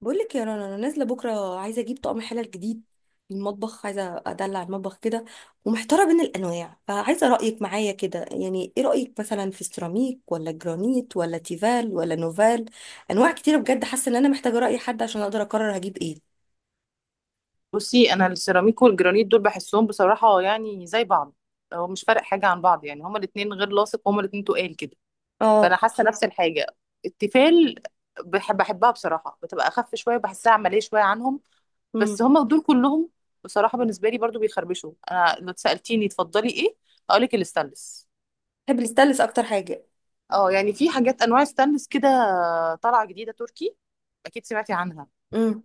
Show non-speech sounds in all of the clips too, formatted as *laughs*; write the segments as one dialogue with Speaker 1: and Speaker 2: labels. Speaker 1: بقول لك يا رنا، انا نازله بكره، عايزه اجيب طقم حلل جديد. المطبخ عايزه ادلع المطبخ كده. ومحتاره بين الانواع، فعايزه رايك معايا كده. يعني ايه رايك مثلا في السيراميك ولا جرانيت ولا تيفال ولا نوفال؟ انواع كتيره بجد، حاسه ان انا محتاجه راي حد عشان اقدر اقرر هجيب ايه.
Speaker 2: بصي، انا السيراميك والجرانيت دول بحسهم بصراحه يعني زي بعض. هو مش فارق حاجه عن بعض، يعني هما الاثنين غير لاصق، هما الاثنين تقال كده. فانا
Speaker 1: اه.
Speaker 2: حاسه نفس الحاجه. التيفال بحبها بصراحه، بتبقى اخف شويه، بحسها عمليه شويه عنهم.
Speaker 1: امم
Speaker 2: بس هما دول كلهم بصراحه بالنسبه لي برضو بيخربشوا. انا لو سالتيني تفضلي ايه، اقول لك الستانلس.
Speaker 1: بحب الستانلس اكتر حاجه.
Speaker 2: اه يعني في حاجات انواع ستانلس كده طالعه جديده تركي، اكيد سمعتي عنها.
Speaker 1: امم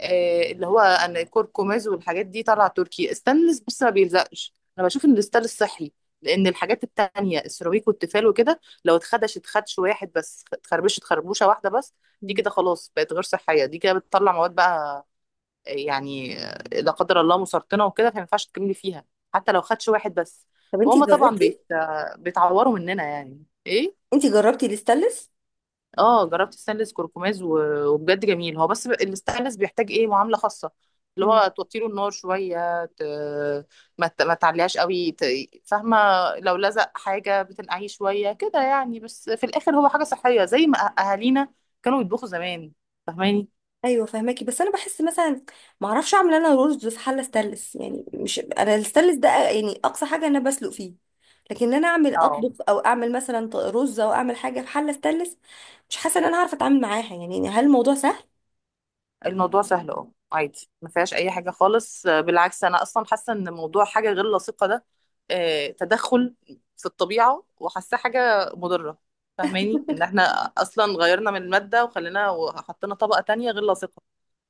Speaker 2: اللي هو انا كركماز والحاجات دي طالعه تركي. استانلس، بص ما بيلزقش، انا بشوف ان الاستانلس صحي. لان الحاجات التانية السيراميك والتيفال وكده، لو اتخدش اتخدش واحد بس، اتخربشت خربوشه واحده بس، دي كده خلاص بقت غير صحيه، دي كده بتطلع مواد بقى يعني لا قدر الله مسرطنه وكده، فما ينفعش تكملي فيها حتى لو خدش واحد بس.
Speaker 1: طب انتي
Speaker 2: وهم طبعا
Speaker 1: جربتي؟
Speaker 2: بيتعوروا مننا يعني ايه.
Speaker 1: انتي جربتي الستانلس؟
Speaker 2: اه جربت ستانلس كركماز وبجد جميل هو، بس الستانلس بيحتاج ايه معامله خاصه، اللي هو توطيله النار شويه ما تعليهاش قوي فاهمه. لو لزق حاجه بتنقعيه شويه كده يعني، بس في الاخر هو حاجه صحيه زي ما اهالينا كانوا يطبخوا زمان، فاهماني.
Speaker 1: ايوه فهماكي، بس انا بحس مثلا ما اعرفش اعمل انا رز في حله ستانلس. يعني مش انا الستانلس ده يعني اقصى حاجه انا بسلق فيه. لكن انا اعمل
Speaker 2: اه
Speaker 1: اطبخ او اعمل مثلا رز او اعمل حاجه في حله ستانلس، مش حاسه ان انا عارفه اتعامل معاها. يعني هل الموضوع سهل؟
Speaker 2: الموضوع سهل، اه عادي ما فيهاش اي حاجه خالص. بالعكس انا اصلا حاسه ان موضوع حاجه غير لائقه ده تدخل في الطبيعه، وحاسه حاجه مضره. فاهماني ان احنا اصلا غيرنا من الماده وخلينا وحطينا طبقه تانية غير لائقه،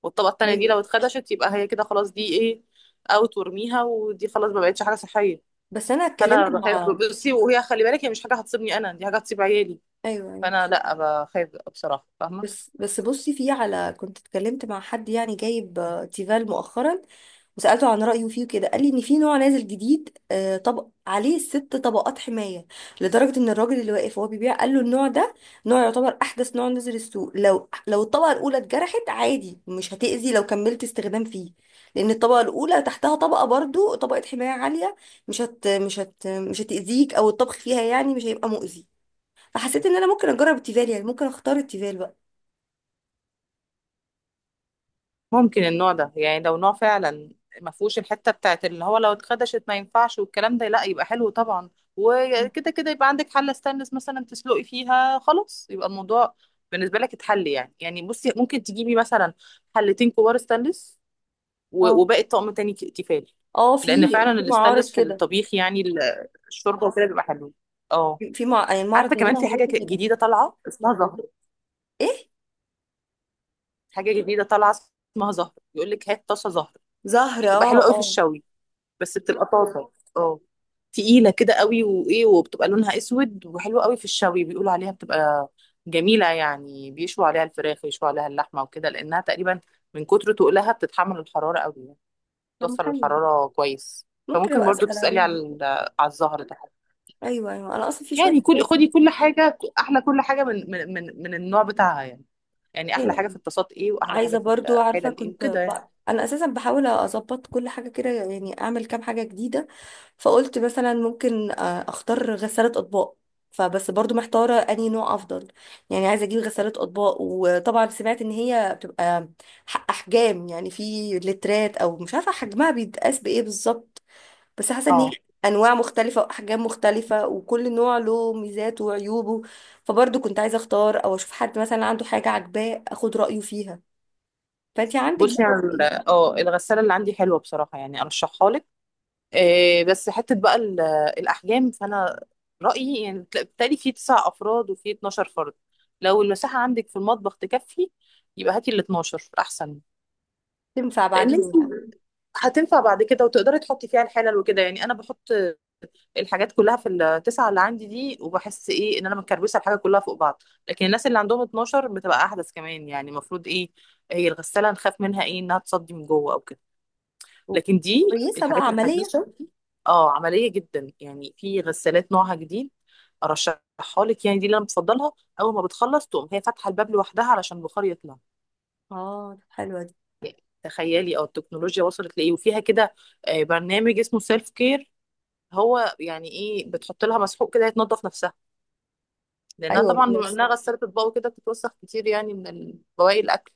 Speaker 2: والطبقه التانية دي
Speaker 1: ايوه.
Speaker 2: لو اتخدشت يبقى هي كده خلاص، دي ايه، اوت، وارميها، ودي خلاص ما بقتش حاجه صحيه.
Speaker 1: بس انا
Speaker 2: فانا
Speaker 1: اتكلمت
Speaker 2: بخاف.
Speaker 1: مع،
Speaker 2: بصي، وهي خلي بالك هي مش حاجه هتصيبني انا، دي حاجه هتصيب عيالي.
Speaker 1: ايوه يعني.
Speaker 2: فانا لا بخاف بصراحه، فاهمه.
Speaker 1: بس بصي في على، كنت اتكلمت مع حد يعني جايب تيفال مؤخرا، وسألته عن رأيه فيه كده، قال لي ان في نوع نازل جديد طبق عليه ست طبقات حماية، لدرجة ان الراجل اللي واقف وهو بيبيع قال له النوع ده نوع يعتبر احدث نوع نزل السوق. لو الطبقة الاولى اتجرحت عادي مش هتأذي لو كملت استخدام فيه، لان الطبقة الاولى تحتها طبقة، برضو طبقة حماية عالية، مش هتأذيك او الطبخ فيها يعني مش هيبقى مؤذي. فحسيت ان انا ممكن اجرب التيفال، يعني ممكن اختار التيفال بقى.
Speaker 2: ممكن النوع ده يعني، لو نوع فعلا ما فيهوش الحته بتاعت اللي هو لو اتخدشت ما ينفعش والكلام ده، لا يبقى حلو طبعا. وكده كده يبقى عندك حله ستانلس مثلا تسلقي فيها، خلاص يبقى الموضوع بالنسبه لك اتحل يعني. يعني بصي ممكن تجيبي مثلا حلتين كبار ستانلس
Speaker 1: اه
Speaker 2: وباقي الطقم تاني تيفال.
Speaker 1: اه، في
Speaker 2: لان فعلا
Speaker 1: في معارض
Speaker 2: الستانلس في
Speaker 1: كده،
Speaker 2: الطبيخ يعني الشوربه وكده بيبقى حلو. اه
Speaker 1: يعني المعرض
Speaker 2: عارفه
Speaker 1: اللي
Speaker 2: كمان
Speaker 1: انا
Speaker 2: في حاجه
Speaker 1: هروحه كده.
Speaker 2: جديده طالعه اسمها زهر.
Speaker 1: ايه،
Speaker 2: حاجه جديده طالعه اسمها زهر، يقول لك هات طاسه زهر. دي
Speaker 1: زهرة،
Speaker 2: بتبقى حلوه
Speaker 1: اه
Speaker 2: قوي في
Speaker 1: اه.
Speaker 2: الشوي، بس بتبقى طاسه اه تقيله كده قوي، وايه وبتبقى لونها اسود وحلوه قوي في الشوي، بيقولوا عليها بتبقى جميله يعني، بيشوا عليها الفراخ، يشوا عليها اللحمه وكده، لانها تقريبا من كتر تقلها بتتحمل الحراره قوي يعني،
Speaker 1: طب
Speaker 2: بتوصل
Speaker 1: حلو ده،
Speaker 2: الحراره كويس.
Speaker 1: ممكن
Speaker 2: فممكن
Speaker 1: ابقى
Speaker 2: برضو
Speaker 1: اسال
Speaker 2: تسالي
Speaker 1: عليها.
Speaker 2: على على الزهر ده.
Speaker 1: ايوه ايوه، انا اصلا في شويه
Speaker 2: يعني كل،
Speaker 1: حاجات
Speaker 2: خدي
Speaker 1: كده.
Speaker 2: كل حاجه احلى، كل حاجه من النوع بتاعها يعني. يعني احلى
Speaker 1: أيوة.
Speaker 2: حاجه في الطاسات ايه، واحلى حاجه
Speaker 1: عايزه
Speaker 2: في
Speaker 1: برضو،
Speaker 2: الحله
Speaker 1: عارفه
Speaker 2: الايه
Speaker 1: كنت
Speaker 2: وكده يعني.
Speaker 1: انا اساسا بحاول اظبط كل حاجه كده، يعني اعمل كام حاجه جديده. فقلت مثلا ممكن اختار غساله اطباق، فبس برضو محتاره انهي نوع افضل. يعني عايزه اجيب غساله اطباق، وطبعا سمعت ان هي بتبقى احجام، يعني في لترات او مش عارفه حجمها بيتقاس بايه بالظبط. بس حاسه ان هي
Speaker 2: اه
Speaker 1: انواع مختلفه واحجام مختلفه، وكل نوع له ميزاته وعيوبه. فبرضو كنت عايزه اختار او اشوف حد مثلا عنده حاجه عاجباه اخد رايه فيها. فانت عندك
Speaker 2: بصي
Speaker 1: بقى
Speaker 2: على
Speaker 1: ايه؟
Speaker 2: اه الغساله اللي عندي حلوه بصراحه، يعني ارشحها لك. إيه بس حتة بقى الأحجام، فأنا رأيي يعني بتالي في تسع أفراد وفي 12 فرد. لو المساحة عندك في المطبخ تكفي يبقى هاتي ال 12 أحسن.
Speaker 1: تنفع
Speaker 2: لأن
Speaker 1: بعدين
Speaker 2: أنت
Speaker 1: يعني.
Speaker 2: هتنفع بعد كده وتقدري تحطي فيها الحلل وكده يعني. أنا بحط الحاجات كلها في التسعة اللي عندي دي، وبحس إيه إن أنا مكربسة الحاجة كلها فوق بعض. لكن الناس اللي عندهم 12 بتبقى أحدث كمان، يعني المفروض إيه، هي الغسالة نخاف منها إيه إنها تصدي من جوه أو كده،
Speaker 1: و-
Speaker 2: لكن دي
Speaker 1: وكويسه بقى
Speaker 2: الحاجات
Speaker 1: عمليه؟
Speaker 2: الحديثة. اه عملية جدا. يعني في غسالات نوعها جديد ارشحها لك، يعني دي اللي انا بفضلها، اول ما بتخلص تقوم هي فاتحة الباب لوحدها علشان البخار يطلع.
Speaker 1: اه. طب حلوه دي.
Speaker 2: تخيلي اه التكنولوجيا وصلت لايه، وفيها كده برنامج اسمه سيلف كير، هو يعني ايه، بتحط لها مسحوق كده يتنضف نفسها، لانها
Speaker 1: ايوه
Speaker 2: طبعا بما
Speaker 1: نفس.
Speaker 2: انها غسالة اطباق وكده بتتوسخ كتير يعني من بواقي الاكل.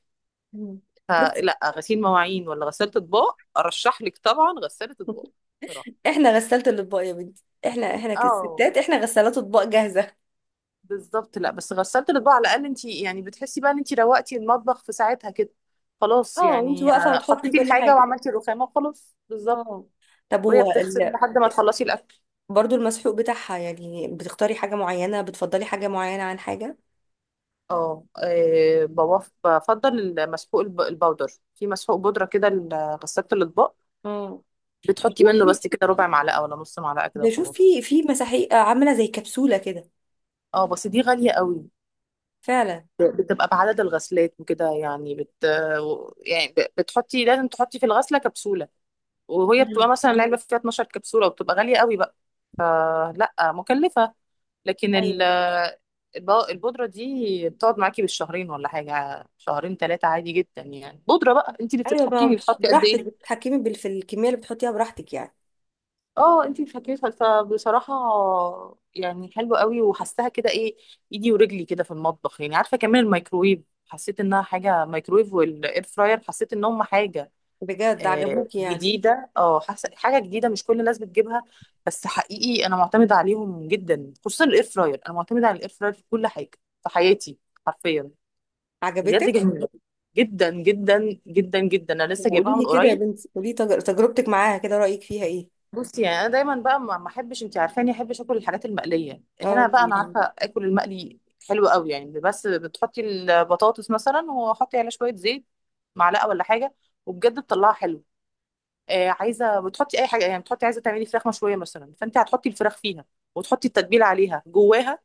Speaker 1: مم. بس
Speaker 2: فلا غسيل مواعين ولا غسالة اطباق، ارشح لك طبعا غسالة اطباق. بصراحة
Speaker 1: *laughs* احنا غسالة الاطباق يا بنتي، احنا
Speaker 2: اه
Speaker 1: كستات، احنا غسالات اطباق جاهزه.
Speaker 2: بالظبط، لا بس غسالة الاطباق على الاقل انت يعني بتحسي بقى ان انت روقتي المطبخ في ساعتها كده، خلاص
Speaker 1: اه، وانت
Speaker 2: يعني
Speaker 1: واقفه بتحطي
Speaker 2: حطيتي
Speaker 1: كل
Speaker 2: الحاجة
Speaker 1: حاجه.
Speaker 2: وعملتي الرخامة وخلاص بالظبط.
Speaker 1: اه. طب هو
Speaker 2: وهي بتغسل لحد ما تخلصي الاكل.
Speaker 1: برضو المسحوق بتاعها، يعني بتختاري حاجه معينه؟ بتفضلي حاجه معينه عن حاجه؟
Speaker 2: اه بفضل المسحوق البودر. في مسحوق بودرة كده لغسالة الاطباق،
Speaker 1: اه.
Speaker 2: بتحطي
Speaker 1: بشوف
Speaker 2: منه
Speaker 1: في-
Speaker 2: بس كده ربع معلقة ولا نص معلقة كده
Speaker 1: بشوف
Speaker 2: وخلاص.
Speaker 1: في في مساحيق عامله زي كبسوله كده.
Speaker 2: اه بس دي غالية قوي،
Speaker 1: فعلا.
Speaker 2: بتبقى بعدد الغسلات وكده يعني يعني بتحطي، لازم تحطي في الغسلة كبسولة، وهي بتبقى
Speaker 1: مم.
Speaker 2: مثلا العلبة فيها 12 كبسولة وبتبقى غالية قوي بقى، فلا مكلفة. لكن
Speaker 1: ايوه
Speaker 2: البودرة دي بتقعد معاكي بالشهرين ولا حاجة، شهرين ثلاثة عادي جدا يعني، بودرة بقى انت اللي
Speaker 1: ايوه،
Speaker 2: بتتحكمي
Speaker 1: بقى
Speaker 2: بتحطي قد
Speaker 1: براحتك
Speaker 2: ايه.
Speaker 1: بتتحكمي في الكميه اللي بتحطيها براحتك يعني.
Speaker 2: اه انت اللي فبصراحة يعني حلوة قوي، وحسها كده ايه، ايدي ورجلي كده في المطبخ يعني. عارفة كمان الميكرويف، حسيت انها حاجة مايكرويف، والاير فراير حسيت ان هم حاجة
Speaker 1: بجد عجبوكي يعني؟
Speaker 2: جديده، اه حاسه حاجه جديده مش كل الناس بتجيبها. بس حقيقي انا معتمده عليهم جدا، خصوصا الاير فراير، انا معتمده على الاير فراير في كل حاجه في حياتي حرفيا. بجد
Speaker 1: عجبتك؟
Speaker 2: جميله جدا جدا جدا جدا، انا لسه
Speaker 1: وقولي
Speaker 2: جايباها من
Speaker 1: لي كده يا
Speaker 2: قريب.
Speaker 1: بنتي، قولي تجربتك معاها كده، رايك فيها ايه؟
Speaker 2: بصي يعني انا دايما بقى ما احبش، انت عارفاني احبش اكل الحاجات المقليه،
Speaker 1: اه
Speaker 2: هنا
Speaker 1: انت.
Speaker 2: بقى انا عارفه اكل المقلي حلو قوي يعني، بس بتحطي البطاطس مثلا وحطي عليها شويه زيت معلقه ولا حاجه، وبجد بتطلعها حلوه. عايزه بتحطي اي حاجه، يعني بتحطي عايزه تعملي فراخ مشويه مثلا، فانت هتحطي الفراخ فيها، وتحطي التتبيله عليها جواها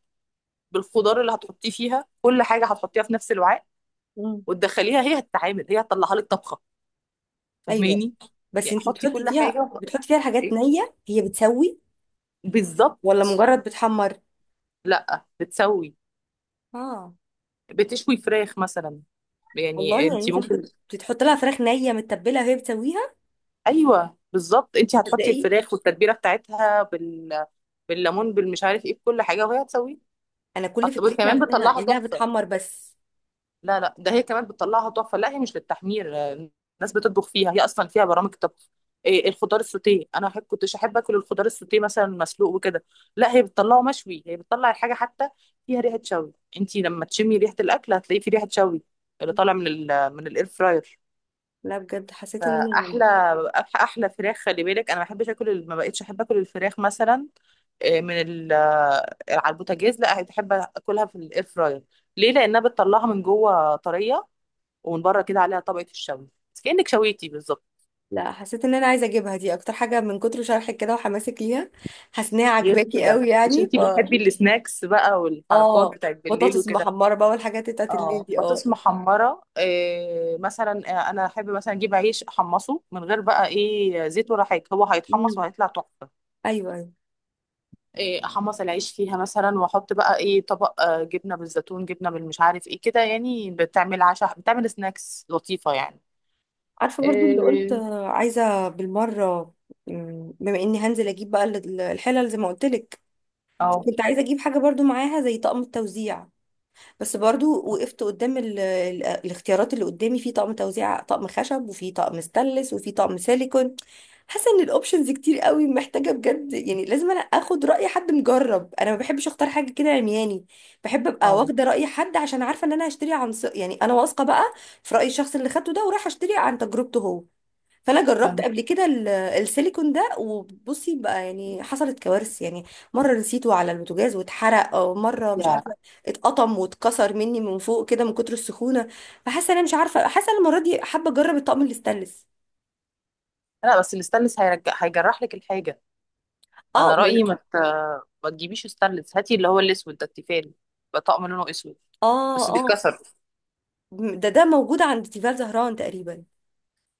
Speaker 2: بالخضار اللي هتحطيه فيها، كل حاجه هتحطيها في نفس الوعاء،
Speaker 1: مم.
Speaker 2: وتدخليها هي هتتعامل، هي هتطلعها لك طبخه،
Speaker 1: ايوه،
Speaker 2: فاهماني.
Speaker 1: بس
Speaker 2: يعني
Speaker 1: انت
Speaker 2: حطي
Speaker 1: بتحطي
Speaker 2: كل
Speaker 1: فيها
Speaker 2: حاجه
Speaker 1: بتحطي فيها الحاجات
Speaker 2: إيه؟
Speaker 1: نيه، هي بتسوي
Speaker 2: بالظبط.
Speaker 1: ولا مجرد بتحمر؟
Speaker 2: لا بتسوي،
Speaker 1: اه
Speaker 2: بتشوي فراخ مثلا. يعني
Speaker 1: والله، يعني
Speaker 2: انت
Speaker 1: انت ممكن
Speaker 2: ممكن
Speaker 1: بتحط لها فراخ نيه متبله وهي بتسويها؟
Speaker 2: ايوه بالظبط، انت هتحطي
Speaker 1: تصدقي،
Speaker 2: الفراخ والتتبيله بتاعتها بالليمون بالمش عارف ايه، بكل حاجه وهي هتسويه.
Speaker 1: انا كل فكرتي
Speaker 2: كمان
Speaker 1: عنها
Speaker 2: بتطلعها
Speaker 1: انها
Speaker 2: تحفه.
Speaker 1: بتحمر بس.
Speaker 2: لا لا ده هي كمان بتطلعها تحفه، لا هي مش للتحمير. الناس بتطبخ فيها، هي اصلا فيها برامج طبخ إيه. الخضار السوتيه انا أحب، كنتش احب اكل الخضار السوتيه مثلا مسلوق وكده، لا هي بتطلعه مشوي، هي بتطلع الحاجه حتى فيها ريحه شوي، انت لما تشمي ريحه الاكل هتلاقيه في ريحه شوي اللي طالع من ال من الاير فراير.
Speaker 1: لا بجد، حسيت ان انا يعني،
Speaker 2: احلى احلى فراخ، خلي بالك انا ما بقتش احب اكل الفراخ مثلا من ال على البوتاجاز، لا بحب اكلها في الاير فراير ليه، لانها بتطلعها من جوه طريه ومن بره كده عليها طبقة الشوي، بس كأنك شويتي بالظبط.
Speaker 1: لا حسيت ان انا عايزه اجيبها دي اكتر حاجه من كتر شرحك كده وحماسك ليها. حاسه انها
Speaker 2: غير
Speaker 1: عجباكي
Speaker 2: كده
Speaker 1: قوي
Speaker 2: مش
Speaker 1: يعني ف،
Speaker 2: انتي بتحبي السناكس بقى والحركات
Speaker 1: اه،
Speaker 2: بتاعت بالليل
Speaker 1: بطاطس
Speaker 2: وكده.
Speaker 1: محمره بقى والحاجات بتاعت الليل
Speaker 2: اه
Speaker 1: دي
Speaker 2: بطاطس
Speaker 1: اه.
Speaker 2: محمرة إيه مثلا، انا احب مثلا اجيب عيش احمصه من غير بقى ايه زيت ولا حاجة، هو
Speaker 1: امم
Speaker 2: هيتحمص وهيطلع تحفة.
Speaker 1: ايوه ايوه.
Speaker 2: إيه احمص العيش فيها مثلا، واحط بقى ايه طبق جبنة بالزيتون، جبنة بالمش عارف ايه كده، يعني بتعمل عشاء، بتعمل سناكس لطيفة يعني.
Speaker 1: عارفه برضو اللي قلت
Speaker 2: إيه.
Speaker 1: عايزه بالمره، بما اني هنزل اجيب بقى الحلل زي ما قلت لك،
Speaker 2: اه.
Speaker 1: كنت عايزه اجيب حاجه برضو معاها زي طقم التوزيع. بس برضو
Speaker 2: اه.
Speaker 1: وقفت قدام الاختيارات اللي قدامي: في طقم توزيع طقم خشب، وفي طقم ستانلس، وفي طقم سيليكون. حاسه ان الاوبشنز كتير قوي، محتاجه بجد يعني لازم انا اخد راي حد مجرب. انا ما بحبش اختار حاجه كده عمياني، بحب ابقى
Speaker 2: آه.
Speaker 1: واخده راي حد عشان عارفه ان انا هشتري عن يعني انا واثقه بقى في راي الشخص اللي خدته ده، ورايحه اشتري عن تجربته هو. فانا جربت
Speaker 2: فاهمة.
Speaker 1: قبل كده السيليكون ده، وبصي بقى يعني حصلت كوارث يعني. مره نسيته على البوتاجاز واتحرق، او مره مش
Speaker 2: يا.
Speaker 1: عارفه اتقطم واتكسر مني من فوق كده من كتر السخونه. فحاسه انا مش عارفه، حاسه أنا المره دي حابه اجرب الطقم الستانلس.
Speaker 2: لا بس الستانلس هيرجع هيجرح لك الحاجة.
Speaker 1: اه،
Speaker 2: انا
Speaker 1: ما أنا-
Speaker 2: رايي ما تجيبيش ستانلس، هاتي اللي هو الاسود ده التيفال بقى، طقم لونه اسود
Speaker 1: اه
Speaker 2: بس
Speaker 1: اه.
Speaker 2: بيتكسر.
Speaker 1: ده ده موجود عند تيفال زهران تقريبا.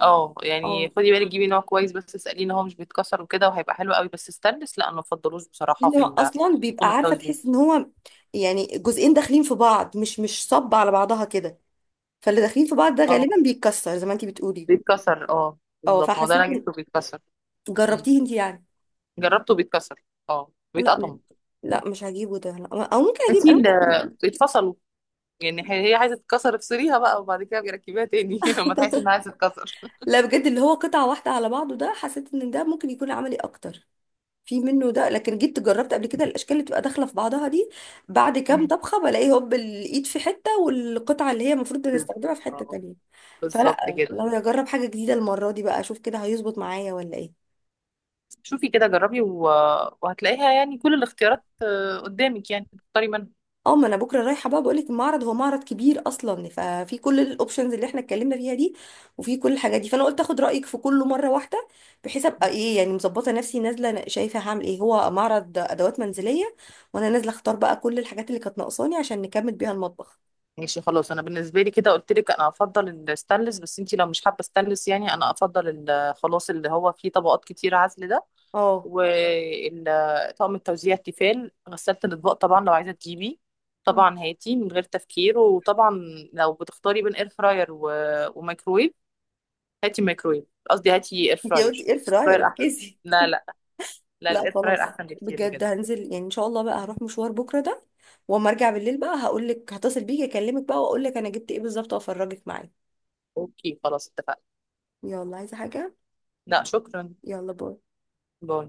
Speaker 2: اه يعني
Speaker 1: اه،
Speaker 2: خدي بالك جيبي نوع كويس، بس اساليه ان هو مش بيتكسر وكده وهيبقى حلو قوي، بس ستانلس لا انا ما بفضلوش بصراحه
Speaker 1: انه اصلا
Speaker 2: في
Speaker 1: بيبقى
Speaker 2: طقم
Speaker 1: عارفه،
Speaker 2: التوزيع.
Speaker 1: تحس ان هو يعني جزئين داخلين في بعض، مش صب على بعضها كده. فاللي داخلين في بعض ده
Speaker 2: اه
Speaker 1: غالبا بيتكسر زي ما انتي بتقولي.
Speaker 2: بيتكسر اه
Speaker 1: اه،
Speaker 2: بالظبط، ما هو ده
Speaker 1: فحسيت.
Speaker 2: انا جبته بيتكسر.
Speaker 1: جربتيه
Speaker 2: مم.
Speaker 1: انت يعني؟
Speaker 2: جربته بيتكسر، اه
Speaker 1: لا
Speaker 2: بيتقطم.
Speaker 1: لا مش هجيبه ده لا. او ممكن اجيب،
Speaker 2: هاتي
Speaker 1: أنا
Speaker 2: اللي
Speaker 1: ممكن...
Speaker 2: بيتفصلوا، يعني هي عايزه تتكسر افصليها بقى وبعد كده بيركبيها تاني *laughs* لما تحسي انها عايزه تتكسر.
Speaker 1: لا بجد، اللي هو قطعه واحده على بعضه ده، حسيت ان ده ممكن يكون عملي اكتر، في منه ده. لكن جيت جربت قبل كده الاشكال اللي بتبقى داخله في بعضها دي، بعد كام
Speaker 2: مم.
Speaker 1: طبخه بلاقي هوب الايد في حته والقطعه اللي هي المفروض نستخدمها في حته
Speaker 2: بالظبط.
Speaker 1: تانية.
Speaker 2: بالظبط
Speaker 1: فلا،
Speaker 2: كده.
Speaker 1: لو اجرب حاجه جديده المره دي بقى، اشوف كده هيظبط معايا ولا ايه.
Speaker 2: شوفي كده جربي و... وهتلاقيها يعني كل الاختيارات قدامك يعني تختاري منها.
Speaker 1: اه ما انا بكره رايحه بقى، بقول لك المعرض هو معرض كبير اصلا، ففي كل الاوبشنز اللي احنا اتكلمنا فيها دي، وفي كل الحاجات دي، فانا قلت اخد رايك في كله مره واحده، بحيث ابقى ايه يعني مظبطه نفسي نازله شايفه هعمل ايه. هو معرض ادوات منزليه، وانا نازله اختار بقى كل الحاجات اللي كانت ناقصاني عشان نكمل بيها المطبخ.
Speaker 2: ماشي خلاص، انا بالنسبه لي كده قلت لك انا افضل الستانلس، بس انتي لو مش حابه ستانلس يعني انا افضل خلاص اللي هو فيه طبقات كتير عزل ده.
Speaker 1: اه،
Speaker 2: وطقم التوزيع التيفال، غسالة الاطباق طبعا لو عايزه تجيبي طبعا هاتي من غير تفكير. وطبعا لو بتختاري بين اير فراير و... وميكرويف، هاتي ميكرويف، قصدي هاتي اير
Speaker 1: انت
Speaker 2: فراير،
Speaker 1: قلتي اير
Speaker 2: اير
Speaker 1: فراير،
Speaker 2: فراير احسن.
Speaker 1: ركزي.
Speaker 2: لا لا، لا
Speaker 1: لا
Speaker 2: الاير فراير
Speaker 1: خلاص
Speaker 2: احسن بكتير
Speaker 1: بجد،
Speaker 2: بجد.
Speaker 1: هنزل يعني ان شاء الله بقى، هروح مشوار بكره ده، واما ارجع بالليل بقى هقول لك، هتصل بيكي اكلمك بقى واقول لك انا جبت ايه بالظبط وافرجك معايا.
Speaker 2: اوكي خلاص اتفقنا.
Speaker 1: يلا، عايزه حاجه؟
Speaker 2: لا شكرا.
Speaker 1: يلا باي.
Speaker 2: باي.